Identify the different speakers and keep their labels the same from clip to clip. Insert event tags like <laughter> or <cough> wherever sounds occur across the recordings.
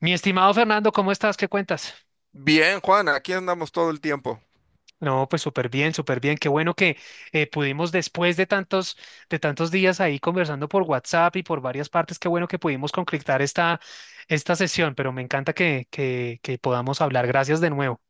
Speaker 1: Mi estimado Fernando, ¿cómo estás? ¿Qué cuentas?
Speaker 2: Bien, Juan, aquí andamos todo el tiempo.
Speaker 1: No, pues súper bien, súper bien. Qué bueno que pudimos después de tantos días ahí conversando por WhatsApp y por varias partes, qué bueno que pudimos concretar esta sesión, pero me encanta que podamos hablar. Gracias de nuevo.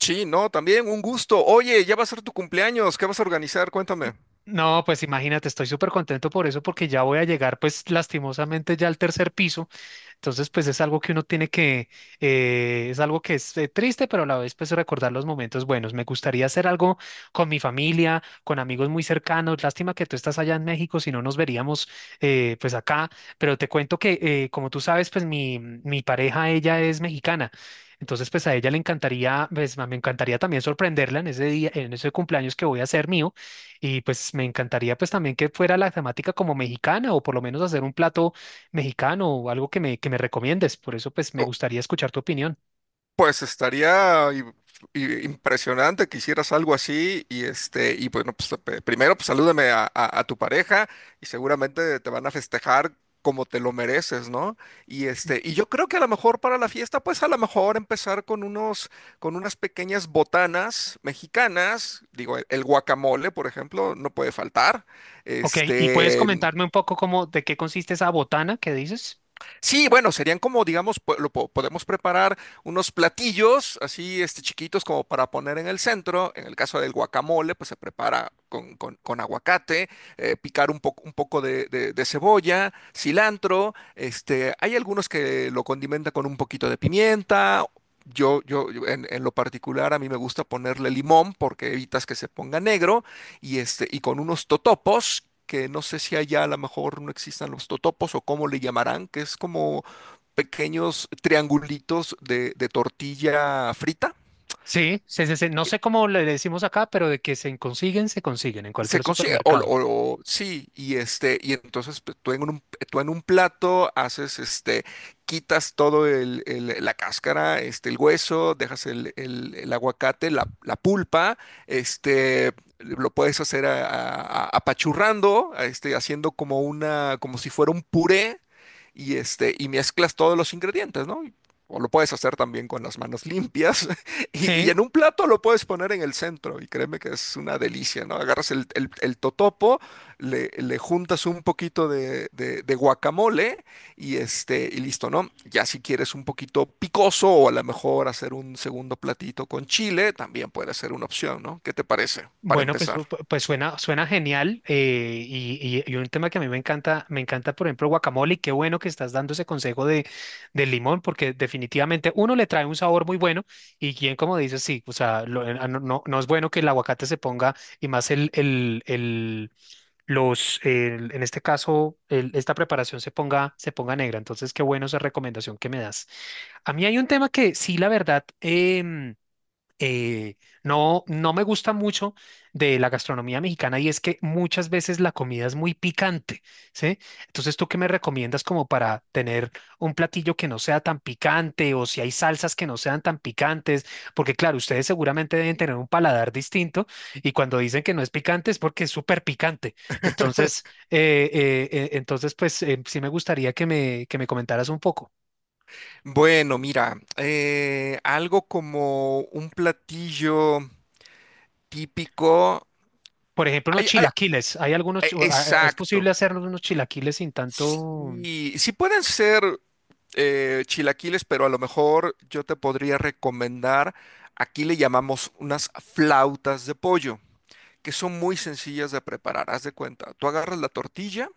Speaker 2: Sí, no, también un gusto. Oye, ya va a ser tu cumpleaños. ¿Qué vas a organizar? Cuéntame.
Speaker 1: No, pues imagínate, estoy súper contento por eso porque ya voy a llegar pues lastimosamente ya al tercer piso. Entonces, pues es algo que uno tiene que, es algo que es triste, pero a la vez pues recordar los momentos buenos. Me gustaría hacer algo con mi familia, con amigos muy cercanos. Lástima que tú estás allá en México, si no nos veríamos pues acá, pero te cuento que como tú sabes, pues mi pareja, ella es mexicana. Entonces, pues a ella le encantaría, pues me encantaría también sorprenderla en ese día, en ese cumpleaños que voy a hacer mío. Y pues me encantaría pues también que fuera la temática como mexicana o por lo menos hacer un plato mexicano o algo que me recomiendes. Por eso, pues, me gustaría escuchar tu opinión.
Speaker 2: Pues estaría impresionante que hicieras algo así y bueno, pues primero pues salúdame a tu pareja y seguramente te van a festejar como te lo mereces, ¿no? Y yo creo que a lo mejor para la fiesta pues a lo mejor empezar con unas pequeñas botanas mexicanas, digo el guacamole, por ejemplo, no puede faltar.
Speaker 1: Ok, ¿y puedes
Speaker 2: Este
Speaker 1: comentarme un poco cómo, de qué consiste esa botana que dices?
Speaker 2: Sí, bueno, serían como, digamos, podemos preparar unos platillos así, chiquitos como para poner en el centro. En el caso del guacamole, pues se prepara con aguacate, picar un poco de cebolla, cilantro. Hay algunos que lo condimentan con un poquito de pimienta. Yo en lo particular, a mí me gusta ponerle limón porque evitas que se ponga negro. Y con unos totopos que no sé si allá a lo mejor no existan los totopos o cómo le llamarán, que es como pequeños triangulitos de tortilla frita.
Speaker 1: Sí, no sé cómo le decimos acá, pero de que se consiguen en cualquier
Speaker 2: Se consigue,
Speaker 1: supermercado.
Speaker 2: sí, y entonces pues, tú en un plato haces, quitas todo la cáscara, el hueso, dejas el aguacate, la pulpa, lo puedes hacer apachurrando, haciendo como una, como si fuera un puré, y mezclas todos los ingredientes, ¿no? O lo puedes hacer también con las manos <laughs> limpias, y,
Speaker 1: Sí.
Speaker 2: y en un plato lo puedes poner en el centro y créeme que es una delicia, ¿no? Agarras el totopo, le juntas un poquito de guacamole y listo, ¿no? Ya si quieres un poquito picoso o a lo mejor hacer un segundo platito con chile, también puede ser una opción, ¿no? ¿Qué te parece para
Speaker 1: Bueno, pues,
Speaker 2: empezar?
Speaker 1: pues suena, suena genial y un tema que a mí me encanta, por ejemplo, guacamole y qué bueno que estás dando ese consejo del limón porque definitivamente uno le trae un sabor muy bueno y quien como dices, sí, o sea, no, no es bueno que el aguacate se ponga y más en este caso, esta preparación se ponga negra. Entonces, qué bueno esa recomendación que me das. A mí hay un tema que sí, la verdad, eh, no, no me gusta mucho de la gastronomía mexicana y es que muchas veces la comida es muy picante, ¿sí? Entonces, ¿tú qué me recomiendas como para tener un platillo que no sea tan picante o si hay salsas que no sean tan picantes? Porque claro, ustedes seguramente deben tener un paladar distinto y cuando dicen que no es picante es porque es súper picante. Entonces, sí me gustaría que me comentaras un poco.
Speaker 2: Bueno, mira, algo como un platillo típico.
Speaker 1: Por ejemplo, unos
Speaker 2: Ay, ay,
Speaker 1: chilaquiles. Hay algunos, es
Speaker 2: exacto.
Speaker 1: posible hacer unos chilaquiles sin tanto. O-
Speaker 2: Sí, sí pueden ser. Chilaquiles, pero a lo mejor yo te podría recomendar, aquí le llamamos unas flautas de pollo, que son muy sencillas de preparar. Haz de cuenta, tú agarras la tortilla,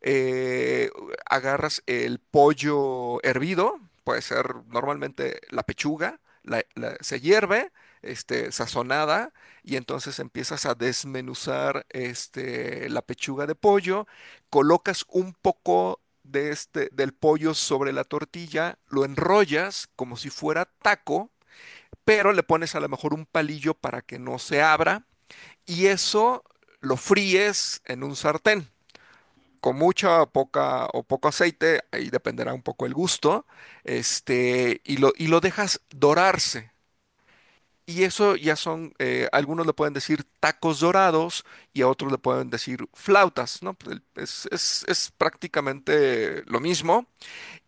Speaker 2: eh, agarras el pollo hervido, puede ser normalmente la pechuga, se hierve, sazonada, y entonces empiezas a desmenuzar la pechuga de pollo, colocas un poco del pollo sobre la tortilla, lo enrollas como si fuera taco, pero le pones a lo mejor un palillo para que no se abra, y eso lo fríes en un sartén con mucha o poca o poco aceite, ahí dependerá un poco el gusto, y lo dejas dorarse. Y eso ya son, algunos le pueden decir tacos dorados y a otros le pueden decir flautas, ¿no? Es prácticamente lo mismo.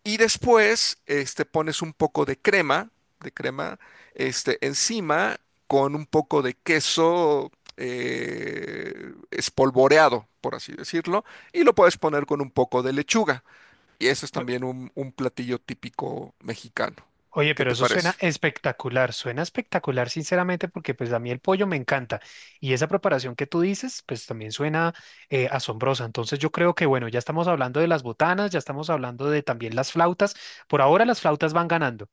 Speaker 2: Y después, pones un poco de crema, de crema, encima con un poco de queso espolvoreado, por así decirlo, y lo puedes poner con un poco de lechuga. Y eso es también un platillo típico mexicano.
Speaker 1: Oye,
Speaker 2: ¿Qué
Speaker 1: pero
Speaker 2: te
Speaker 1: eso
Speaker 2: parece?
Speaker 1: suena espectacular, sinceramente, porque pues a mí el pollo me encanta. Y esa preparación que tú dices, pues también suena asombrosa. Entonces yo creo que, bueno, ya estamos hablando de las botanas, ya estamos hablando de también las flautas. Por ahora las flautas van ganando.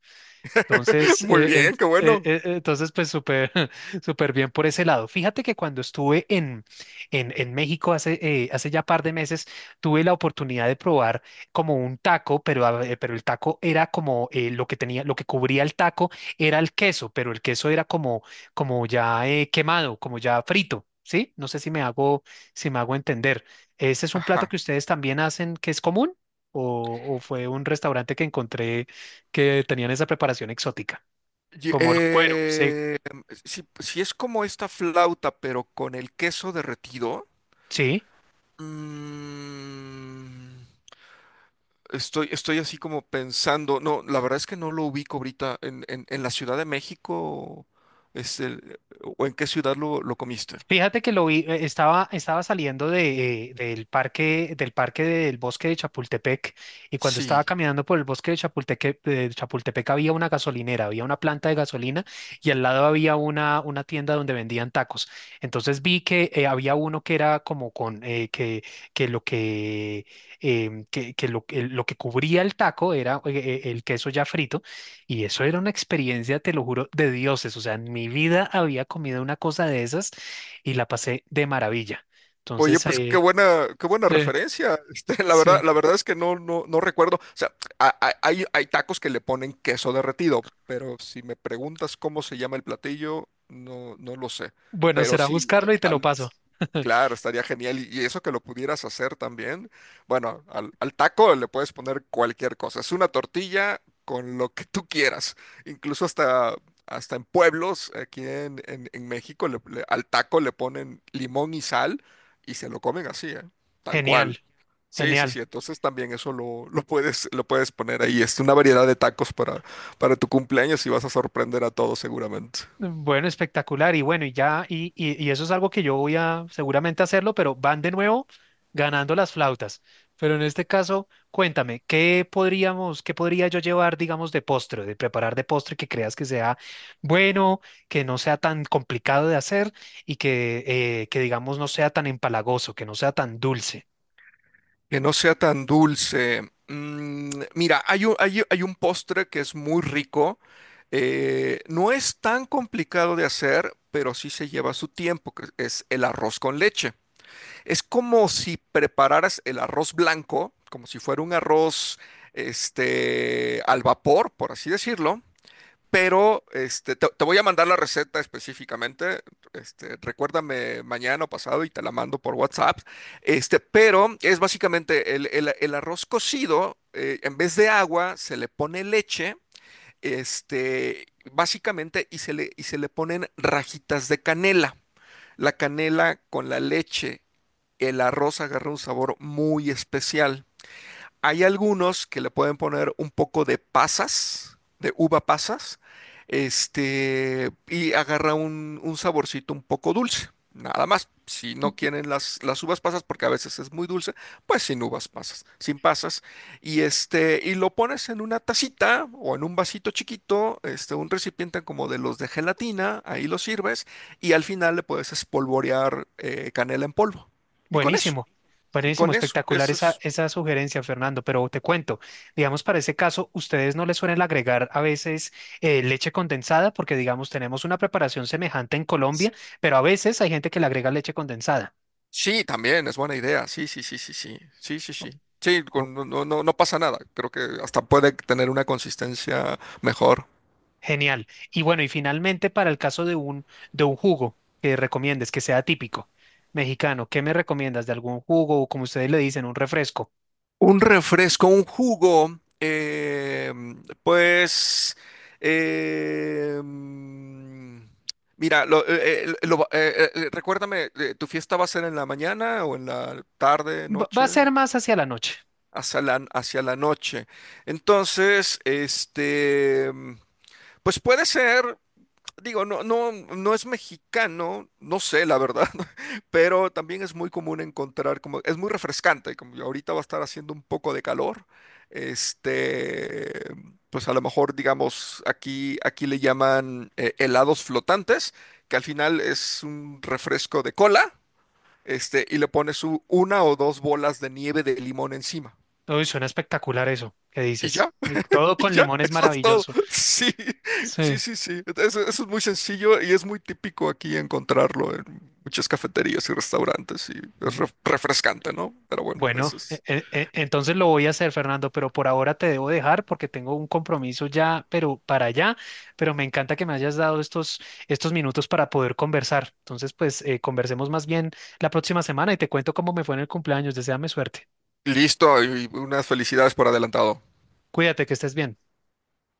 Speaker 2: <laughs>
Speaker 1: Entonces,
Speaker 2: Muy bien, qué bueno.
Speaker 1: entonces pues súper, <laughs> súper bien por ese lado. Fíjate que cuando estuve en México hace, hace ya par de meses, tuve la oportunidad de probar como un taco, pero, pero el taco era como lo que tenía, lo que cubría el taco era el queso, pero el queso era como, como ya quemado, como ya frito. ¿Sí? No sé si me hago, si me hago entender. ¿Ese es un plato que
Speaker 2: Ajá.
Speaker 1: ustedes también hacen que es común? O fue un restaurante que encontré que tenían esa preparación exótica,
Speaker 2: Y-
Speaker 1: como el cuero? Sí,
Speaker 2: eh, si es como esta flauta, pero con el queso derretido.
Speaker 1: sí.
Speaker 2: mm, estoy así como pensando, no, la verdad es que no lo ubico ahorita en la Ciudad de México, este, o en qué ciudad lo comiste.
Speaker 1: Fíjate que lo vi, estaba, estaba saliendo de, del parque, del parque del bosque de Chapultepec, y cuando estaba
Speaker 2: Sí.
Speaker 1: caminando por el bosque de Chapultepec había una gasolinera, había una planta de gasolina, y al lado había una tienda donde vendían tacos. Entonces vi que había uno que era como con, que lo que, em, que lo, que lo que cubría el taco era el queso ya frito, y eso era una experiencia, te lo juro, de dioses. O sea, en mi vida había comido una cosa de esas y la pasé de maravilla.
Speaker 2: Oye,
Speaker 1: Entonces,
Speaker 2: pues qué buena
Speaker 1: sí,
Speaker 2: referencia. <laughs> La verdad,
Speaker 1: sí,
Speaker 2: la verdad es que no, no, no recuerdo. O sea, hay tacos que le ponen queso derretido, pero si me preguntas cómo se llama el platillo, no, no lo sé.
Speaker 1: bueno,
Speaker 2: Pero
Speaker 1: será
Speaker 2: sí,
Speaker 1: buscarlo y te lo
Speaker 2: al-
Speaker 1: paso. <laughs>
Speaker 2: claro, estaría genial. Y eso que lo pudieras hacer también. Bueno, al taco le puedes poner cualquier cosa. Es una tortilla con lo que tú quieras. Incluso hasta en pueblos, aquí en México, al taco le ponen limón y sal y se lo comen así, ¿eh? Tal
Speaker 1: Genial,
Speaker 2: cual. Sí, sí,
Speaker 1: genial.
Speaker 2: sí. Entonces también eso lo, <laughs> lo puedes poner ahí. Es una variedad de tacos para tu cumpleaños y vas a sorprender a todos seguramente.
Speaker 1: Bueno, espectacular. Y bueno, y ya, y eso es algo que yo voy a seguramente hacerlo, pero van de nuevo ganando las flautas. Pero en este caso, cuéntame, ¿qué podría yo llevar, digamos, de postre, de preparar de postre que creas que sea bueno, que no sea tan complicado de hacer y que digamos, no sea tan empalagoso, que no sea tan dulce?
Speaker 2: Que no sea tan dulce. Mira, hay un postre que es muy rico. No es tan complicado de hacer, pero sí se lleva su tiempo, que es el arroz con leche. Es como si prepararas el arroz blanco, como si fuera un arroz al vapor, por así decirlo. Pero te voy a mandar la receta específicamente. Recuérdame mañana o pasado y te la mando por WhatsApp. Pero es básicamente el arroz cocido, en vez de agua, se le pone leche, este, básicamente, y se le ponen rajitas de canela. La canela con la leche el arroz agarra un sabor muy especial. Hay algunos que le pueden poner un poco de pasas, de uva pasas, y agarra un saborcito un poco dulce. Nada más, si no quieren las uvas pasas, porque a veces es muy dulce, pues sin uvas pasas, sin pasas. Y lo pones en una tacita o en un vasito chiquito, un recipiente como de los de gelatina, ahí lo sirves, y al final le puedes espolvorear canela en polvo. Y con eso.
Speaker 1: Buenísimo,
Speaker 2: Y
Speaker 1: buenísimo,
Speaker 2: con eso,
Speaker 1: espectacular
Speaker 2: eso
Speaker 1: esa,
Speaker 2: es.
Speaker 1: esa sugerencia, Fernando. Pero te cuento, digamos, para ese caso, ustedes no les suelen agregar a veces leche condensada, porque, digamos, tenemos una preparación semejante en Colombia, pero a veces hay gente que le agrega leche condensada.
Speaker 2: Sí, también es buena idea. Sí, sí, sí, sí, sí. Sí, sí, sí. Sí,
Speaker 1: Oh,
Speaker 2: no, no, no pasa nada. Creo que hasta puede tener una consistencia mejor.
Speaker 1: genial. Y bueno, y finalmente, para el caso de un jugo que recomiendes, que sea típico mexicano, ¿qué me recomiendas de algún jugo o, como ustedes le dicen, un refresco?
Speaker 2: Un refresco, un jugo, pues, eh, mm, mira, recuérdame, ¿tu fiesta va a ser en la mañana o en la tarde,
Speaker 1: Va a
Speaker 2: noche?
Speaker 1: ser más hacia la noche.
Speaker 2: Hacia la noche. Entonces, pues puede ser, digo, no, no, no es mexicano, no sé, la verdad, <laughs> pero también es muy común encontrar, como, es muy refrescante, como ahorita va a estar haciendo un poco de calor, este, pues a lo mejor, digamos, aquí le llaman helados flotantes, que al final es un refresco de cola, y le pones una o dos bolas de nieve de limón encima.
Speaker 1: Uy, suena espectacular eso que
Speaker 2: Y ya.
Speaker 1: dices. Uy,
Speaker 2: <laughs>
Speaker 1: todo
Speaker 2: Y
Speaker 1: con
Speaker 2: ya,
Speaker 1: limón es
Speaker 2: eso es todo.
Speaker 1: maravilloso.
Speaker 2: <laughs> Sí, sí,
Speaker 1: Sí.
Speaker 2: sí, sí. Eso es muy sencillo y es muy típico aquí encontrarlo en muchas cafeterías y restaurantes y es
Speaker 1: Bu-
Speaker 2: refrescante, ¿no? Pero bueno,
Speaker 1: Bueno,
Speaker 2: eso es.
Speaker 1: entonces lo voy a hacer, Fernando, pero por ahora te debo dejar porque tengo un compromiso ya, pero para allá. Pero me encanta que me hayas dado estos, estos minutos para poder conversar. Entonces, pues conversemos más bien la próxima semana y te cuento cómo me fue en el cumpleaños. Deséame suerte.
Speaker 2: Listo y unas felicidades por adelantado.
Speaker 1: Cuídate, que estés bien.